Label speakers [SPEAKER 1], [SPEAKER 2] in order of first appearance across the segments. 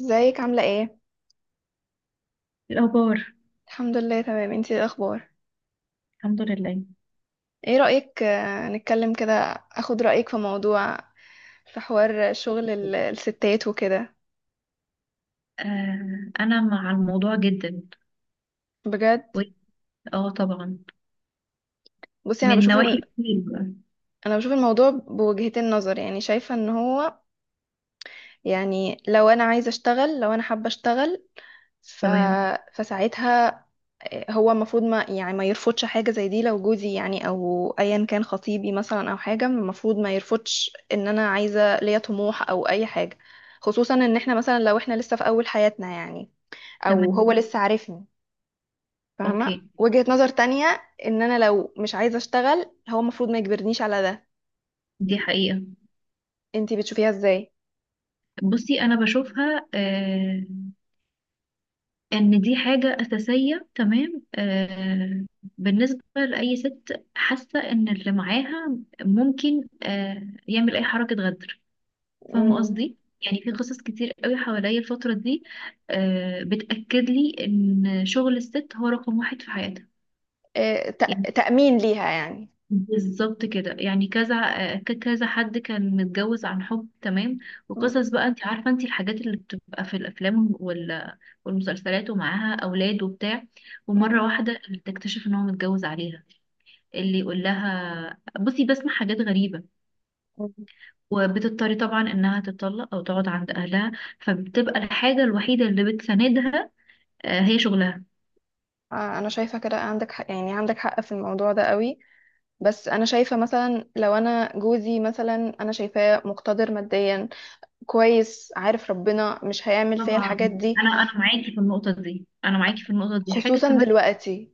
[SPEAKER 1] ازيك عاملة ايه؟
[SPEAKER 2] الأخبار.
[SPEAKER 1] الحمد لله، تمام. انتي ايه الاخبار؟
[SPEAKER 2] الحمد لله.
[SPEAKER 1] ايه رأيك، نتكلم كده. اخد رأيك في موضوع، في حوار شغل الستات وكده.
[SPEAKER 2] أنا مع الموضوع جدا.
[SPEAKER 1] بجد؟
[SPEAKER 2] و- اه طبعا،
[SPEAKER 1] بصي انا
[SPEAKER 2] من
[SPEAKER 1] بشوف
[SPEAKER 2] نواحي كتير بقى.
[SPEAKER 1] انا بشوف الموضوع بوجهتين نظر، يعني شايفة ان هو، يعني لو انا عايزة اشتغل، لو انا حابة اشتغل ف...
[SPEAKER 2] تمام،
[SPEAKER 1] فساعتها هو المفروض ما يعني ما يرفضش حاجة زي دي، لو جوزي يعني او ايا كان خطيبي مثلا او حاجة، المفروض ما يرفضش ان انا عايزة ليا طموح او اي حاجة. خصوصا ان احنا مثلا لو احنا لسه في اول حياتنا يعني، او هو
[SPEAKER 2] تمام.
[SPEAKER 1] لسه عارفني. فاهمة
[SPEAKER 2] أوكي.
[SPEAKER 1] وجهة نظر تانية، ان انا لو مش عايزة اشتغل هو المفروض ما يجبرنيش على ده.
[SPEAKER 2] دي حقيقة.
[SPEAKER 1] انتي بتشوفيها ازاي؟
[SPEAKER 2] بصي، أنا بشوفها إن دي حاجة أساسية، تمام. بالنسبة لأي ست حاسة إن اللي معاها ممكن يعمل أي حركة غدر. فاهمة
[SPEAKER 1] مم.
[SPEAKER 2] قصدي، يعني في قصص كتير قوي حواليا الفترة دي، بتأكد لي ان شغل الست هو رقم واحد في حياتها.
[SPEAKER 1] إيه،
[SPEAKER 2] يعني
[SPEAKER 1] تأمين ليها يعني.
[SPEAKER 2] بالظبط كده، يعني كذا حد كان متجوز عن حب، تمام،
[SPEAKER 1] مم.
[SPEAKER 2] وقصص بقى انت عارفة، انت الحاجات اللي بتبقى في الافلام والمسلسلات، ومعاها اولاد وبتاع، ومرة
[SPEAKER 1] مم.
[SPEAKER 2] واحدة اللي تكتشف ان هو متجوز عليها، اللي يقول لها بصي بسمع حاجات غريبة.
[SPEAKER 1] مم.
[SPEAKER 2] وبتضطر طبعا انها تتطلق او تقعد عند اهلها، فبتبقى الحاجة الوحيدة اللي بتساندها هي شغلها.
[SPEAKER 1] آه، انا شايفة كده، عندك حق، يعني عندك حق في الموضوع ده قوي. بس انا شايفه مثلا لو انا جوزي مثلا، انا شايفاه مقتدر ماديا، كويس، عارف ربنا مش هيعمل فيا
[SPEAKER 2] طبعا.
[SPEAKER 1] الحاجات دي،
[SPEAKER 2] انا معاكي في النقطة دي، حاجة
[SPEAKER 1] خصوصا
[SPEAKER 2] كمان،
[SPEAKER 1] دلوقتي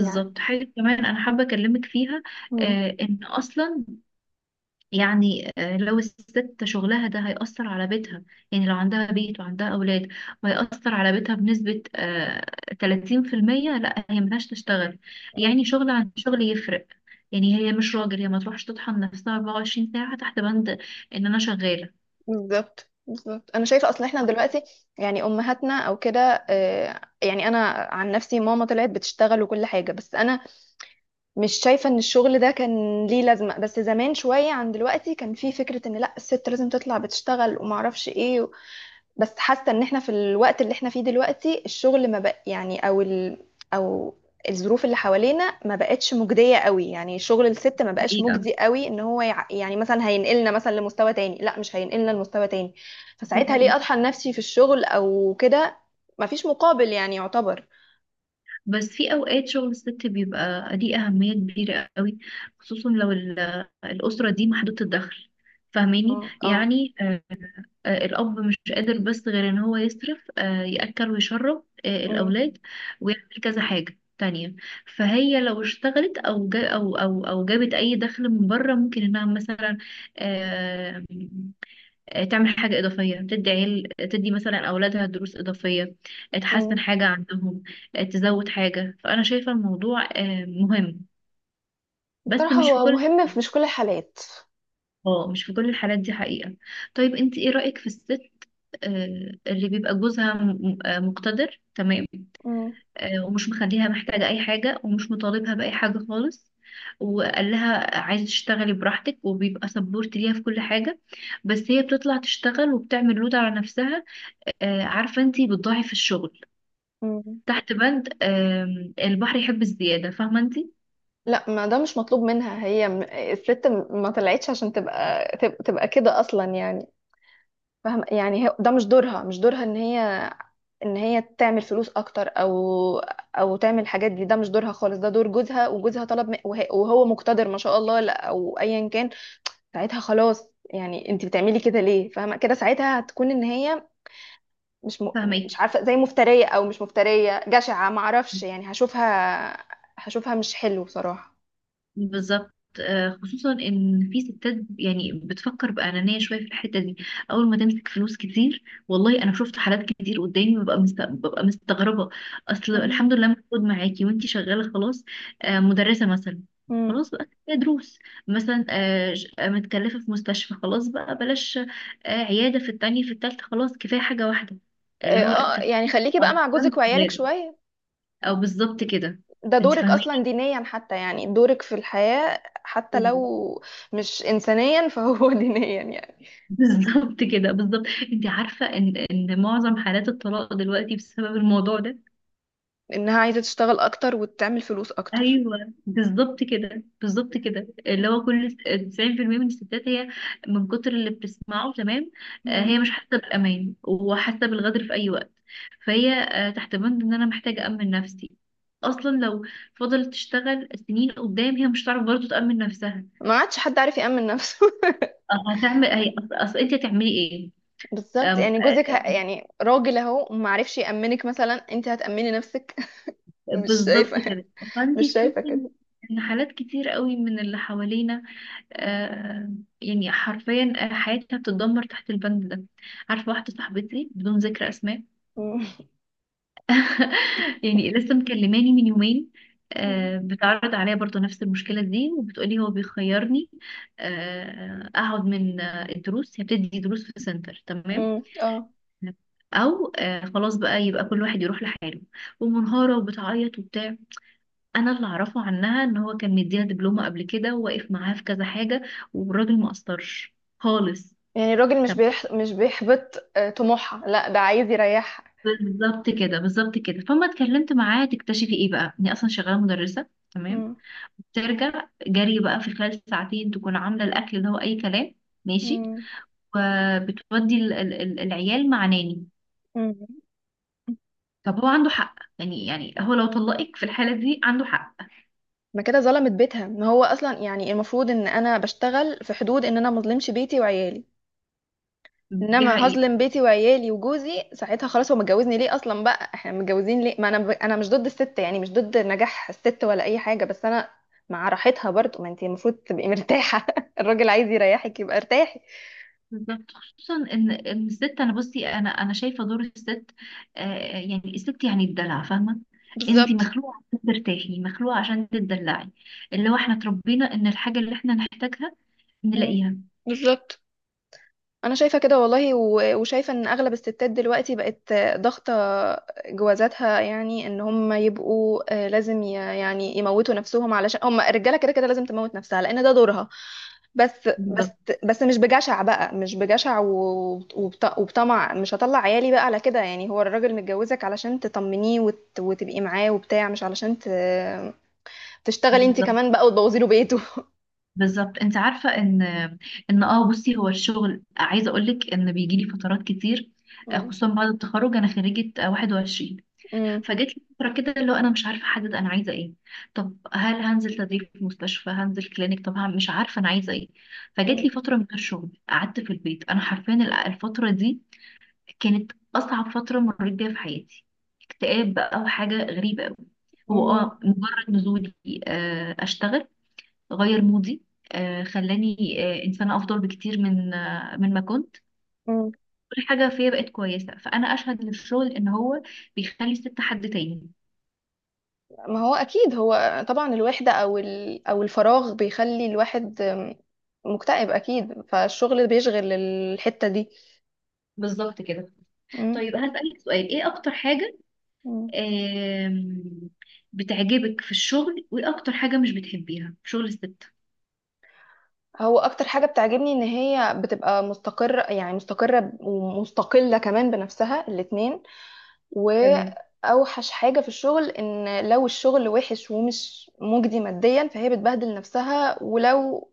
[SPEAKER 1] يعني.
[SPEAKER 2] حاجة كمان انا حابة اكلمك فيها.
[SPEAKER 1] مم.
[SPEAKER 2] ان اصلا، لو الست شغلها ده هيأثر على بيتها، يعني لو عندها بيت وعندها أولاد وهيأثر على بيتها بنسبة 30%، لأ هي ملهاش تشتغل.
[SPEAKER 1] مم.
[SPEAKER 2] يعني شغل عن شغل يفرق. يعني هي مش راجل، هي ما تروحش تطحن نفسها 24 ساعة تحت بند إن أنا شغالة.
[SPEAKER 1] بالظبط بالظبط، انا شايفه اصلا احنا دلوقتي يعني امهاتنا او كده، يعني انا عن نفسي، ماما طلعت بتشتغل وكل حاجه، بس انا مش شايفه ان الشغل ده كان ليه لازمه. بس زمان شويه عن دلوقتي كان في فكره ان لا، الست لازم تطلع بتشتغل وما اعرفش ايه. بس حاسه ان احنا في الوقت اللي احنا فيه دلوقتي الشغل ما بق يعني، او ال او الظروف اللي حوالينا ما بقتش مجديه قوي، يعني شغل الست ما بقاش
[SPEAKER 2] حقيقة.
[SPEAKER 1] مجدي قوي ان هو يعني مثلا هينقلنا مثلا لمستوى تاني، لا مش هينقلنا لمستوى تاني.
[SPEAKER 2] دي
[SPEAKER 1] فساعتها ليه
[SPEAKER 2] حقيقة.
[SPEAKER 1] اطحن نفسي في الشغل او كده؟ ما فيش مقابل يعني يعتبر.
[SPEAKER 2] بس في أوقات شغل الست بيبقى ليه أهمية كبيرة قوي، خصوصا لو الأسرة دي محدودة الدخل،
[SPEAKER 1] اه
[SPEAKER 2] فاهماني
[SPEAKER 1] اه.
[SPEAKER 2] يعني. الأب مش قادر بس غير إن هو يصرف، يأكل ويشرب
[SPEAKER 1] أمم.
[SPEAKER 2] الأولاد ويعمل كذا حاجة تانية. فهي لو اشتغلت أو جا أو جابت أي دخل من بره، ممكن إنها مثلا آه، تعمل حاجة إضافية، تدي مثلا أولادها دروس إضافية، تحسن
[SPEAKER 1] أمم.
[SPEAKER 2] حاجة عندهم، تزود حاجة. فأنا شايفة الموضوع مهم، بس
[SPEAKER 1] بصراحه
[SPEAKER 2] مش في
[SPEAKER 1] هو
[SPEAKER 2] كل،
[SPEAKER 1] مهم في مش كل الحالات.
[SPEAKER 2] اه مش في كل الحالات، دي حقيقة. طيب انت ايه رأيك في الست اللي بيبقى جوزها مقتدر، تمام،
[SPEAKER 1] أمم.
[SPEAKER 2] ومش مخليها محتاجة أي حاجة ومش مطالبها بأي حاجة خالص، وقال لها عايزة تشتغلي براحتك وبيبقى سبورت ليها في كل حاجة، بس هي بتطلع تشتغل وبتعمل لود على نفسها، عارفة انتي بتضاعف الشغل
[SPEAKER 1] أمم.
[SPEAKER 2] تحت بند، البحر يحب الزيادة، فاهمة انتي؟
[SPEAKER 1] لا، ما ده مش مطلوب منها، هي الست ما طلعتش عشان تبقى تبقى كده اصلا يعني. فاهم، يعني هي ده مش دورها، مش دورها ان هي، ان هي تعمل فلوس اكتر او، او تعمل الحاجات دي، ده مش دورها خالص، ده دور جوزها، وجوزها طلب، وهو مقتدر ما شاء الله، لا، او ايا كان. ساعتها خلاص، يعني انت بتعملي كده ليه؟ فاهمه كده، ساعتها هتكون ان هي مش مش
[SPEAKER 2] فاهماكي.
[SPEAKER 1] عارفه، زي مفتريه او مش مفتريه، جشعه، ما اعرفش يعني. هشوفها، هشوفها مش حلو بصراحه.
[SPEAKER 2] بالظبط خصوصا ان في ستات يعني بتفكر بانانيه شويه في الحته دي. اول ما تمسك فلوس كتير، والله انا شفت حالات كتير قدامي ببقى مستغربه. اصل الحمد لله موجود معاكي وانتي شغاله، خلاص. مدرسه مثلا،
[SPEAKER 1] امم.
[SPEAKER 2] خلاص بقى كفاية دروس، مثلا متكلفه في مستشفى، خلاص بقى بلاش، عياده في التانية في التالتة، خلاص كفايه حاجه واحده اللي
[SPEAKER 1] اه.
[SPEAKER 2] هو
[SPEAKER 1] آه، يعني خليكي بقى مع جوزك وعيالك شوية.
[SPEAKER 2] أو بالظبط كده،
[SPEAKER 1] ده
[SPEAKER 2] انت
[SPEAKER 1] دورك
[SPEAKER 2] فاهماني.
[SPEAKER 1] أصلا دينيا حتى، يعني دورك في الحياة حتى لو مش إنسانيا، فهو دينيا يعني.
[SPEAKER 2] بالظبط كده، بالظبط، انت عارفه ان معظم حالات الطلاق دلوقتي بسبب الموضوع ده.
[SPEAKER 1] إنها عايزة تشتغل أكتر وتعمل فلوس أكتر.
[SPEAKER 2] ايوه بالظبط كده، بالظبط كده، اللي هو كل 90% من الستات هي من كتر اللي بتسمعه، تمام.
[SPEAKER 1] مم.
[SPEAKER 2] هي مش حاسه بالامان وحاسه بالغدر في اي وقت، فهي تحت بند ان انا محتاجه امن نفسي. اصلا لو فضلت تشتغل سنين قدام هي مش هتعرف برضه تامن نفسها.
[SPEAKER 1] ما عادش حد عارف يأمن نفسه.
[SPEAKER 2] هتعمل هي، اصل انت هتعملي ايه؟
[SPEAKER 1] بالظبط، يعني جوزك يعني راجل أهو ما عرفش يأمنك، مثلا أنت هتأمني نفسك؟ مش
[SPEAKER 2] بالظبط
[SPEAKER 1] شايفة،
[SPEAKER 2] كده.
[SPEAKER 1] مش
[SPEAKER 2] فانتي
[SPEAKER 1] شايفة
[SPEAKER 2] تحسي
[SPEAKER 1] كده.
[SPEAKER 2] ان، حالات كتير قوي من اللي حوالينا، آه حرفيا حياتها بتتدمر تحت البند ده. عارفه واحده صاحبتي بدون ذكر اسماء،
[SPEAKER 1] مم.
[SPEAKER 2] يعني لسه مكلماني من يومين، آه، بتعرض عليا برضو نفس المشكله دي وبتقولي هو بيخيرني: آه اقعد من الدروس، هي بتدي دروس في سنتر، تمام،
[SPEAKER 1] مم. اه.
[SPEAKER 2] او آه خلاص بقى يبقى كل واحد يروح لحاله. ومنهارة وبتعيط وبتاع. انا اللي اعرفه عنها ان هو كان مديها دبلومه قبل كده وواقف معاها في كذا حاجه، والراجل ما قصرش خالص.
[SPEAKER 1] يعني الراجل مش
[SPEAKER 2] طب
[SPEAKER 1] مش بيحبط طموحها، لا ده عايز يريحها.
[SPEAKER 2] بالظبط كده، بالظبط كده. فما اتكلمت معاه تكتشفي ايه بقى؟ اني اصلا شغاله مدرسه، تمام،
[SPEAKER 1] مم.
[SPEAKER 2] ترجع جري بقى في خلال ساعتين تكون عامله الاكل اللي هو اي كلام، ماشي،
[SPEAKER 1] مم.
[SPEAKER 2] وبتودي العيال مع ناني.
[SPEAKER 1] مم.
[SPEAKER 2] طب هو عنده حق يعني، يعني هو لو طلقك في الحاله دي عنده حق.
[SPEAKER 1] ما كده ظلمت بيتها، ما هو اصلا يعني المفروض ان انا بشتغل في حدود ان انا ما اظلمش بيتي وعيالي.
[SPEAKER 2] دي
[SPEAKER 1] انما
[SPEAKER 2] حقيقه.
[SPEAKER 1] هظلم بيتي وعيالي وجوزي ساعتها خلاص، هو متجوزني ليه اصلا؟ بقى احنا متجوزين ليه؟ ما انا انا مش ضد الست يعني، مش ضد نجاح الست ولا اي حاجه، بس انا مع راحتها برضو. ما انت المفروض تبقي مرتاحه الراجل عايز يريحك يبقى ارتاحي.
[SPEAKER 2] بالظبط، خصوصا ان الست، انا بصي انا شايفه دور الست يعني الست، يعني الدلع، فاهمه. انت
[SPEAKER 1] بالظبط.
[SPEAKER 2] مخلوقه عشان ترتاحي، مخلوقه عشان تتدلعي، اللي هو احنا اتربينا ان الحاجه اللي احنا نحتاجها
[SPEAKER 1] مم.
[SPEAKER 2] نلاقيها.
[SPEAKER 1] بالظبط، انا شايفه كده والله وشايفه ان اغلب الستات دلوقتي بقت ضاغطه جوازاتها، يعني ان هم يبقوا لازم يعني يموتوا نفسهم علشان هم، الرجاله كده كده لازم تموت نفسها لان ده دورها. بس، بس،
[SPEAKER 2] بالظبط،
[SPEAKER 1] بس مش بجشع بقى، مش بجشع وبطمع، مش هطلع عيالي بقى على كده يعني. هو الراجل متجوزك علشان تطمنيه وتبقي معاه وبتاع، مش علشان تشتغلي انت
[SPEAKER 2] بالظبط.
[SPEAKER 1] كمان بقى وتبوظي له بيته
[SPEAKER 2] بالظبط، انت عارفه ان، بصي، هو الشغل عايزه اقول لك ان بيجي لي فترات كتير،
[SPEAKER 1] مم.
[SPEAKER 2] خصوصا بعد التخرج، انا خريجه 21. فجيت لي فترة كده اللي هو انا مش عارفة احدد انا عايزة ايه. طب هل هنزل تدريب في مستشفى؟ هنزل كلينيك؟ طب مش عارفة انا عايزة ايه.
[SPEAKER 1] مم.
[SPEAKER 2] فجيت لي فترة من غير شغل قعدت في البيت. انا حرفيا الفترة دي كانت اصعب فترة مريت بيها في حياتي. اكتئاب بقى وحاجة غريبة قوي. هو
[SPEAKER 1] مم.
[SPEAKER 2] اه مجرد نزولي اشتغل، غير مودي، خلاني انسانة افضل بكتير من، من ما كنت.
[SPEAKER 1] مم.
[SPEAKER 2] كل حاجة فيا بقت كويسة، فانا اشهد للشغل ان هو بيخلي الست حد تاني.
[SPEAKER 1] ما هو اكيد، هو طبعا الوحده او او الفراغ بيخلي الواحد مكتئب اكيد، فالشغل بيشغل الحته دي.
[SPEAKER 2] بالظبط كده.
[SPEAKER 1] مم.
[SPEAKER 2] طيب هسألك سؤال: ايه اكتر حاجة
[SPEAKER 1] مم.
[SPEAKER 2] آم، بتعجبك في الشغل وايه اكتر حاجة مش بتحبيها في شغل الست؟
[SPEAKER 1] هو اكتر حاجه بتعجبني ان هي بتبقى مستقره، يعني مستقره ومستقله كمان بنفسها الاتنين.
[SPEAKER 2] تمام.
[SPEAKER 1] واوحش حاجه في الشغل ان لو الشغل وحش ومش مجدي ماديا فهي بتبهدل نفسها، ولو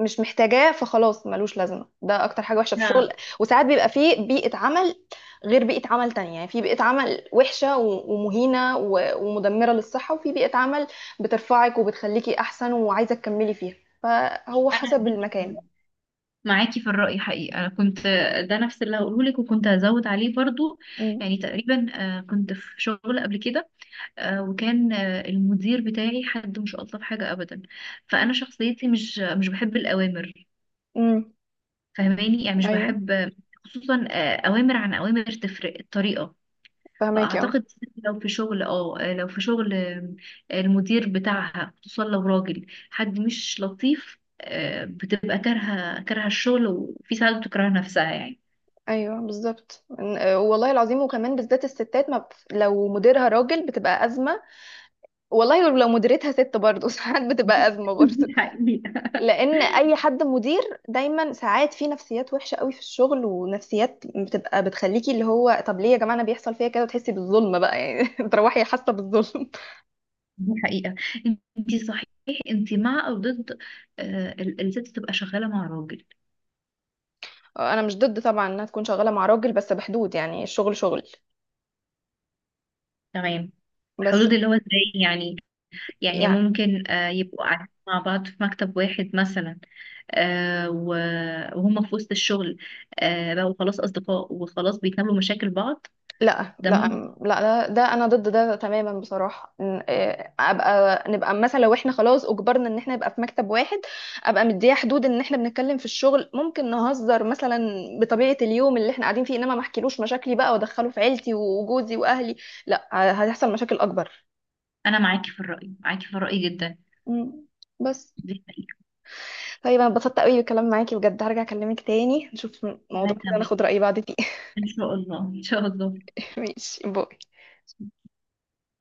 [SPEAKER 1] مش محتاجاه فخلاص ملوش لازمه، ده اكتر حاجه وحشه في
[SPEAKER 2] انا
[SPEAKER 1] الشغل. وساعات بيبقى فيه بيئه عمل غير بيئه عمل تانية، يعني في بيئه عمل وحشه ومهينه ومدمره للصحه، وفي بيئه عمل بترفعك وبتخليكي احسن وعايزه تكملي فيها، فهو
[SPEAKER 2] انا
[SPEAKER 1] حسب
[SPEAKER 2] معاكي في
[SPEAKER 1] المكان.
[SPEAKER 2] الرأي، معاكي في الرأي حقيقي. انا كنت ده نفس اللي هقوله لك، وكنت هزود عليه برضو.
[SPEAKER 1] مم.
[SPEAKER 2] يعني تقريبا كنت في شغل قبل كده، وكان المدير بتاعي حد مش الطف حاجة ابدا.
[SPEAKER 1] مم.
[SPEAKER 2] فانا شخصيتي مش بحب الاوامر،
[SPEAKER 1] امم.
[SPEAKER 2] فهماني يعني، مش
[SPEAKER 1] ايوه.
[SPEAKER 2] بحب، خصوصا اوامر عن اوامر تفرق الطريقة.
[SPEAKER 1] فهماكي اه.
[SPEAKER 2] فأعتقد لو في شغل، اه لو في شغل آم، المدير بتاعها خصوصا لو راجل حد مش لطيف، بتبقى كارهة الشغل، وفي ساعات بتكره نفسها، يعني.
[SPEAKER 1] ايوه بالظبط، والله العظيم، وكمان بالذات الستات ما بت... لو مديرها راجل بتبقى ازمه. والله لو مديرتها ست برضه ساعات بتبقى ازمه برضه.
[SPEAKER 2] دي حقيقة.
[SPEAKER 1] لان اي حد مدير دايما ساعات في نفسيات وحشه قوي في الشغل، ونفسيات بتبقى بتخليكي، اللي هو طب ليه يا جماعه انا بيحصل فيا كده؟ وتحسي بالظلم بقى يعني تروحي حاسه بالظلم.
[SPEAKER 2] دي حقيقة. انتي صحيح، انتي مع او ضد الست تبقى شغالة مع راجل؟
[SPEAKER 1] انا مش ضد طبعا انها تكون شغاله مع راجل، بس بحدود، يعني الشغل شغل.
[SPEAKER 2] تمام.
[SPEAKER 1] بس
[SPEAKER 2] حدود اللي هو ازاي يعني؟ يعني
[SPEAKER 1] يعني.
[SPEAKER 2] ممكن يبقوا قاعدين مع بعض في مكتب واحد مثلا، آه، و- وهم في وسط الشغل بقوا خلاص أصدقاء وخلاص بيتناولوا مشاكل بعض.
[SPEAKER 1] لا
[SPEAKER 2] ده
[SPEAKER 1] لا.
[SPEAKER 2] ممكن.
[SPEAKER 1] لا لا، ده انا ضد ده تماما بصراحه، إيه، ابقى نبقى مثلا لو احنا خلاص اجبرنا ان احنا نبقى في مكتب واحد، ابقى مديه حدود ان احنا بنتكلم في الشغل، ممكن نهزر مثلا بطبيعه اليوم اللي احنا قاعدين فيه، انما ما احكيلوش مشاكلي بقى وادخله في عيلتي وجوزي واهلي. لا، هتحصل مشاكل اكبر.
[SPEAKER 2] أنا معاكي في الرأي، معاكي في الرأي جدا،
[SPEAKER 1] مم. بس.
[SPEAKER 2] دي حقيقة.
[SPEAKER 1] طيب انا اتبسطت قوي بالكلام معاكي بجد، هرجع اكلمك تاني نشوف موضوع كده
[SPEAKER 2] وهكمل
[SPEAKER 1] ناخد رأي بعض فيه
[SPEAKER 2] إن شاء الله، إن شاء الله.
[SPEAKER 1] ماشي، باي.